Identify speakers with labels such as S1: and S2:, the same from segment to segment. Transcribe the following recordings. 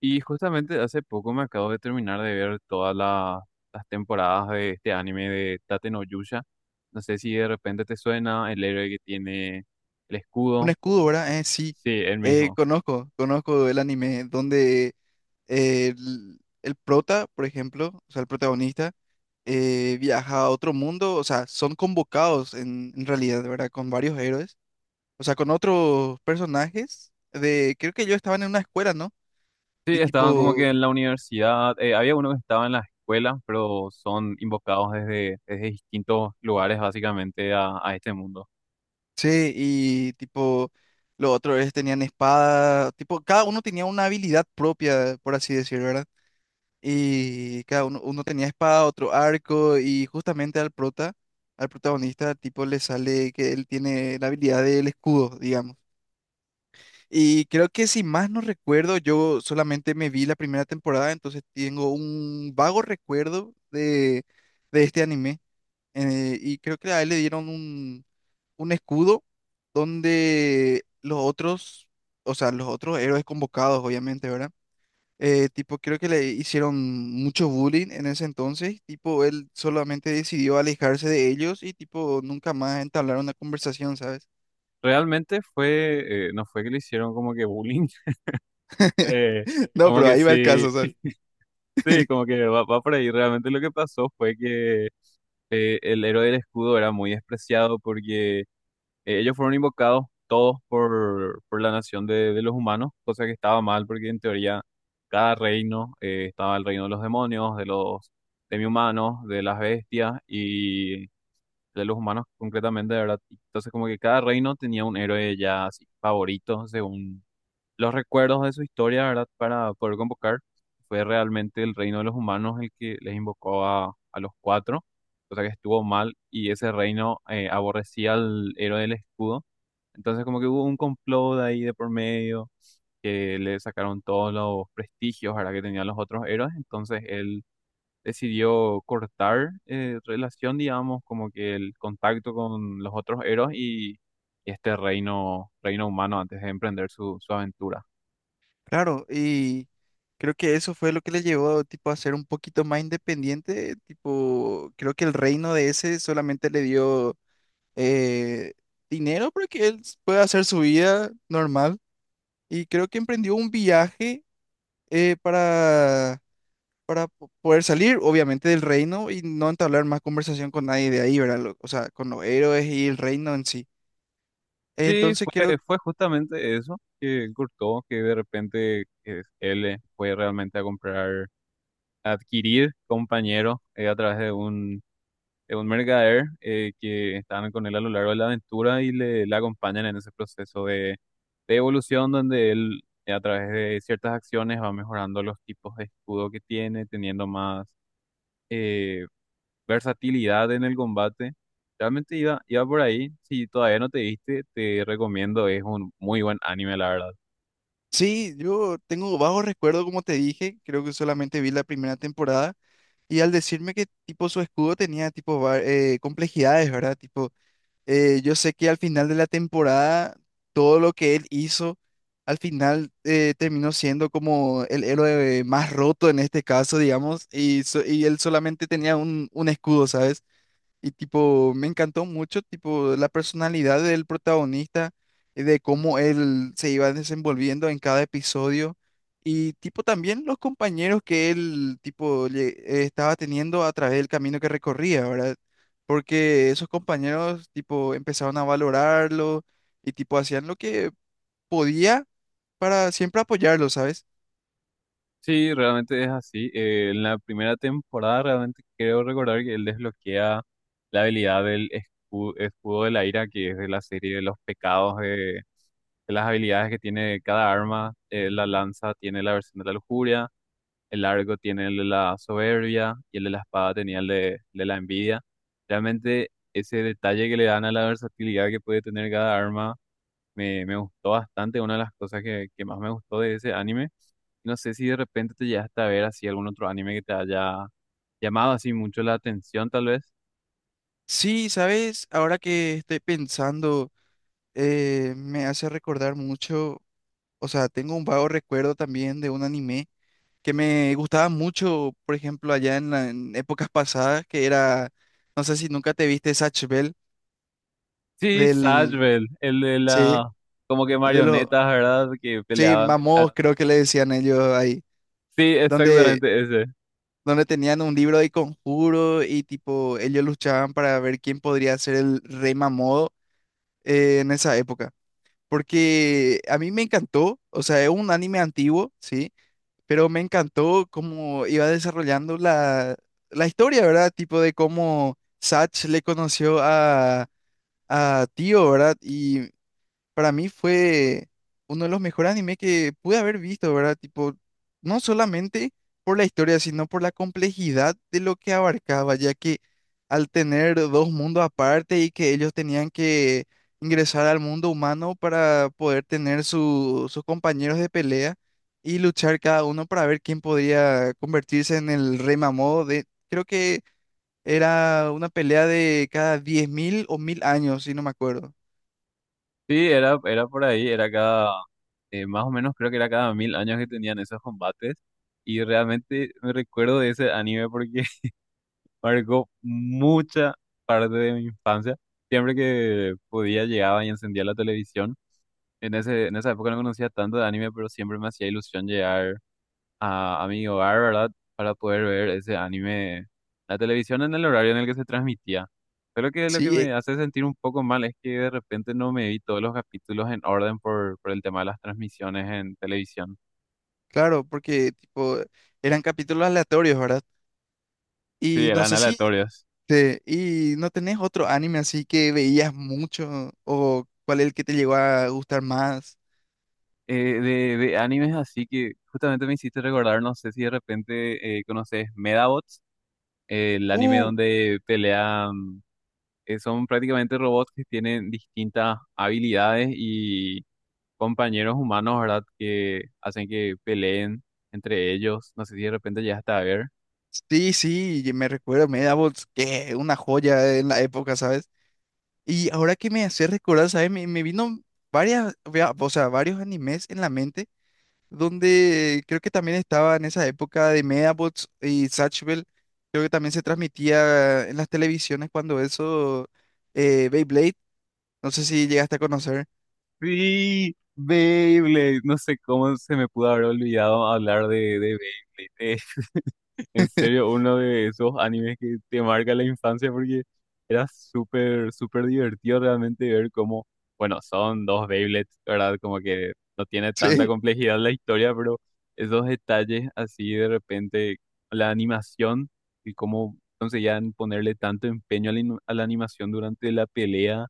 S1: Y justamente hace poco me acabo de terminar de ver las temporadas de este anime de Tate no Yusha. No sé si de repente te suena el héroe que tiene el
S2: Un
S1: escudo.
S2: escudo, ¿verdad? Sí.
S1: Sí, él mismo.
S2: Conozco el anime donde el prota, por ejemplo, o sea, el protagonista, viaja a otro mundo, o sea, son convocados en realidad, ¿verdad? Con varios héroes, o sea, con otros personajes de, creo que ellos estaban en una escuela, ¿no?
S1: Sí,
S2: Y sí,
S1: estaban como
S2: tipo,
S1: que en la universidad. Había uno que estaba en la escuela, pero son invocados desde distintos lugares básicamente a este mundo.
S2: sí, y tipo, los otros héroes tenían espada, tipo, cada uno tenía una habilidad propia, por así decirlo, ¿verdad? Y cada uno, uno tenía espada, otro arco, y justamente al prota, al protagonista, tipo, le sale que él tiene la habilidad del escudo, digamos. Y creo que si más no recuerdo, yo solamente me vi la primera temporada, entonces tengo un vago recuerdo de este anime. Y creo que a él le dieron un escudo donde los otros, o sea, los otros héroes convocados, obviamente, ¿verdad? Tipo, creo que le hicieron mucho bullying en ese entonces. Tipo, él solamente decidió alejarse de ellos y, tipo, nunca más entablar una conversación, ¿sabes?
S1: Realmente no fue que le hicieron como que bullying. eh,
S2: No,
S1: Como
S2: pero
S1: que
S2: ahí va el
S1: sí,
S2: caso, ¿sabes?
S1: sí, como que va por ahí. Realmente lo que pasó fue que el héroe del escudo era muy despreciado porque ellos fueron invocados todos por la nación de los humanos, cosa que estaba mal porque en teoría cada reino estaba el reino de los demonios, de los demi-humanos, de las bestias y de los humanos concretamente, de verdad. Entonces como que cada reino tenía un héroe ya así favorito según los recuerdos de su historia, ¿verdad? Para poder convocar. Fue realmente el reino de los humanos el que les invocó a los cuatro, cosa que estuvo mal y ese reino aborrecía al héroe del escudo. Entonces como que hubo un complot ahí de por medio, que le sacaron todos los prestigios, ¿verdad? Que tenían los otros héroes. Entonces él decidió cortar relación, digamos, como que el contacto con los otros héroes y este reino humano antes de emprender su aventura.
S2: Claro, y creo que eso fue lo que le llevó, tipo, a ser un poquito más independiente. Tipo, creo que el reino de ese solamente le dio eh, dinero para que él pueda hacer su vida normal. Y creo que emprendió un viaje para poder salir, obviamente, del reino y no entablar más conversación con nadie de ahí, ¿verdad? O sea, con los héroes y el reino en sí.
S1: Sí,
S2: Entonces creo, que
S1: fue justamente eso que Courtois, que de repente él fue realmente a a adquirir compañeros a través de de un mercader que estaban con él a lo largo de la aventura le acompañan en ese proceso de evolución donde él a través de ciertas acciones va mejorando los tipos de escudo que tiene, teniendo más eh, versatilidad en el combate. Realmente iba por ahí. Si todavía no te viste, te recomiendo. Es un muy buen anime, la verdad.
S2: sí, yo tengo bajo recuerdo, como te dije, creo que solamente vi la primera temporada y al decirme que tipo su escudo tenía tipo complejidades, ¿verdad? Tipo, yo sé que al final de la temporada, todo lo que él hizo... Al final terminó siendo como el héroe más roto en este caso, digamos, y, y él solamente tenía un escudo, ¿sabes? Y tipo, me encantó mucho, tipo, la personalidad del protagonista, de cómo él se iba desenvolviendo en cada episodio. Y tipo, también los compañeros que él, tipo, estaba teniendo a través del camino que recorría, ¿verdad? Porque esos compañeros, tipo, empezaron a valorarlo y, tipo, hacían lo que podía para siempre apoyarlo, ¿sabes?
S1: Sí, realmente es así. En la primera temporada realmente creo recordar que él desbloquea la habilidad del escudo, de la ira, que es de la serie de los pecados, de las habilidades que tiene cada arma. La lanza tiene la versión de la lujuria. El largo tiene el de la soberbia y el de la espada tenía el el de la envidia. Realmente ese detalle que le dan a la versatilidad que puede tener cada arma me gustó bastante, una de las cosas que más me gustó de ese anime. No sé si de repente te llegaste a ver así algún otro anime que te haya llamado así mucho la atención, tal vez.
S2: Sí, ¿sabes? Ahora que estoy pensando, me hace recordar mucho. O sea, tengo un vago recuerdo también de un anime que me gustaba mucho, por ejemplo, allá en, en épocas pasadas, que era, no sé si nunca te viste Zatch Bell
S1: Sí,
S2: del,
S1: Sashville, el de
S2: sí,
S1: la como que
S2: de los,
S1: marionetas, ¿verdad? Que
S2: sí,
S1: peleaban. Ah,
S2: Mamos creo que le decían ellos ahí,
S1: sí,
S2: donde,
S1: exactamente ese.
S2: donde tenían un libro de conjuro y tipo, ellos luchaban para ver quién podría ser el rey Mamodo en esa época. Porque a mí me encantó, o sea, es un anime antiguo, sí, pero me encantó cómo iba desarrollando la, la historia, ¿verdad? Tipo de cómo Satch le conoció a Tío, ¿verdad? Y para mí fue uno de los mejores animes que pude haber visto, ¿verdad? Tipo, no solamente por la historia, sino por la complejidad de lo que abarcaba, ya que al tener dos mundos aparte y que ellos tenían que ingresar al mundo humano para poder tener sus compañeros de pelea y luchar cada uno para ver quién podría convertirse en el rey Mamodo de, creo que era una pelea de cada 10.000 o 1.000 años, si no me acuerdo.
S1: Sí, era por ahí, era más o menos creo que era cada 1000 años que tenían esos combates. Y realmente me recuerdo de ese anime porque marcó mucha parte de mi infancia. Siempre que podía llegaba y encendía la televisión. En esa época no conocía tanto de anime, pero siempre me hacía ilusión llegar a mi hogar, ¿verdad? Para poder ver ese anime, la televisión en el horario en el que se transmitía. Pero que lo que
S2: Sí,
S1: me hace sentir un poco mal es que de repente no me vi todos los capítulos en orden por el tema de las transmisiones en televisión.
S2: claro, porque tipo eran capítulos aleatorios, ¿verdad?
S1: Sí,
S2: Y no
S1: eran
S2: sé si
S1: aleatorias.
S2: te, y no tenés otro anime así que veías mucho o cuál es el que te llegó a gustar más.
S1: De animes así que justamente me hiciste recordar, no sé si de repente conoces Medabots, el anime
S2: Uh,
S1: donde pelean, son prácticamente robots que tienen distintas habilidades y compañeros humanos, ¿verdad? Que hacen que peleen entre ellos. No sé si de repente llegaste a ver.
S2: sí, sí, y me recuerdo Medabots, que una joya en la época, ¿sabes? Y ahora que me hace recordar, ¿sabes? Me vino varias, o sea, varios animes en la mente donde creo que también estaba en esa época de Medabots y Satchel, creo que también se transmitía en las televisiones cuando eso, Beyblade, no sé si llegaste a conocer.
S1: Sí, Beyblade. No sé cómo se me pudo haber olvidado hablar de Beyblade. En serio, uno de esos animes que te marca la infancia porque era súper divertido realmente ver cómo, bueno, son dos Beyblades, ¿verdad? Como que no tiene tanta
S2: Sí,
S1: complejidad la historia, pero esos detalles así de repente, la animación y cómo conseguían ponerle tanto empeño a a la animación durante la pelea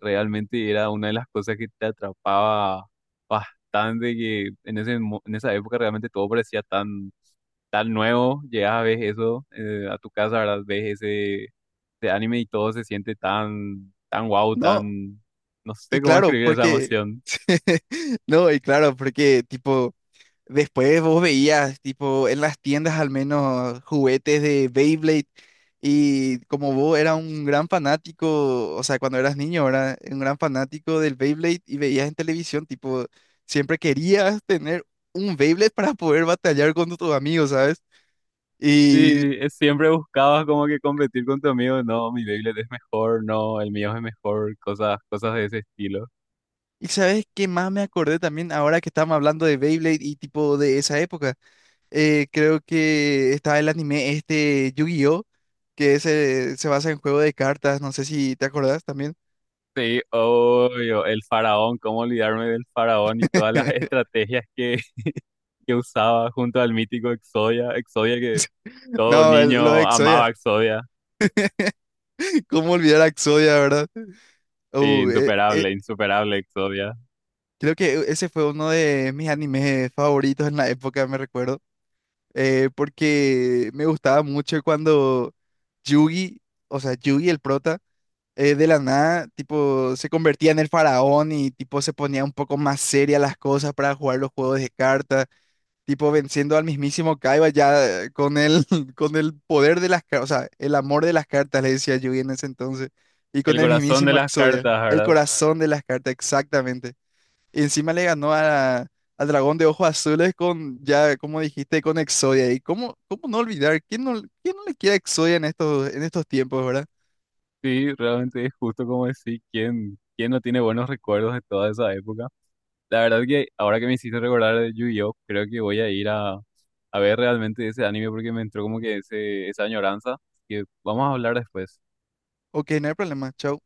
S1: realmente era una de las cosas que te atrapaba bastante, que en en esa época realmente todo parecía tan nuevo, llegas a ver eso a tu casa, ¿verdad? Ves ese anime y todo se siente tan wow,
S2: no,
S1: tan, no sé
S2: y
S1: cómo
S2: claro,
S1: escribir esa
S2: porque,
S1: emoción.
S2: no, y claro, porque tipo... Después vos veías, tipo, en las tiendas al menos juguetes de Beyblade y como vos eras un gran fanático, o sea, cuando eras niño, era un gran fanático del Beyblade y veías en televisión, tipo, siempre querías tener un Beyblade para poder batallar con tus amigos, ¿sabes? Y,
S1: Sí, es- siempre buscabas como que competir con tu amigo, no, mi Beyblade es mejor, no, el mío es mejor, cosas de ese estilo.
S2: y ¿sabes qué más me acordé también ahora que estamos hablando de Beyblade y tipo de esa época? Creo que está el anime este Yu-Gi-Oh! Que se basa en juego de cartas. No sé si te acordás también.
S1: Sí, obvio, el faraón, cómo olvidarme del faraón y todas las estrategias que usaba junto al mítico Exodia, Exodia que todo
S2: No, lo de
S1: niño amaba
S2: Exodia.
S1: Exodia.
S2: ¿Cómo olvidar a Exodia, verdad?
S1: Sí,
S2: Uh, eh, eh,
S1: insuperable, insuperable Exodia.
S2: creo que ese fue uno de mis animes favoritos en la época, me recuerdo. Porque me gustaba mucho cuando Yugi, o sea, Yugi el prota, de la nada, tipo, se convertía en el faraón y tipo se ponía un poco más seria las cosas para jugar los juegos de cartas. Tipo venciendo al mismísimo Kaiba ya con el, con el poder de las cartas, o sea, el amor de las cartas, le decía Yui en ese entonces, y con
S1: El
S2: el
S1: corazón de
S2: mismísimo
S1: las
S2: Exodia,
S1: cartas,
S2: el ah,
S1: ¿verdad?
S2: corazón de las cartas, exactamente. Y encima le ganó a, al dragón de ojos azules con, ya como dijiste, con Exodia. ¿Y cómo, cómo no olvidar? Quién no le queda Exodia en estos tiempos, verdad?
S1: Sí, realmente es justo como decir, ¿quién, quién no tiene buenos recuerdos de toda esa época? La verdad que ahora que me hiciste recordar de Yu-Gi-Oh, creo que voy a ir a ver realmente ese anime porque me entró como que esa añoranza que vamos a hablar después.
S2: Ok, no hay problema, chao.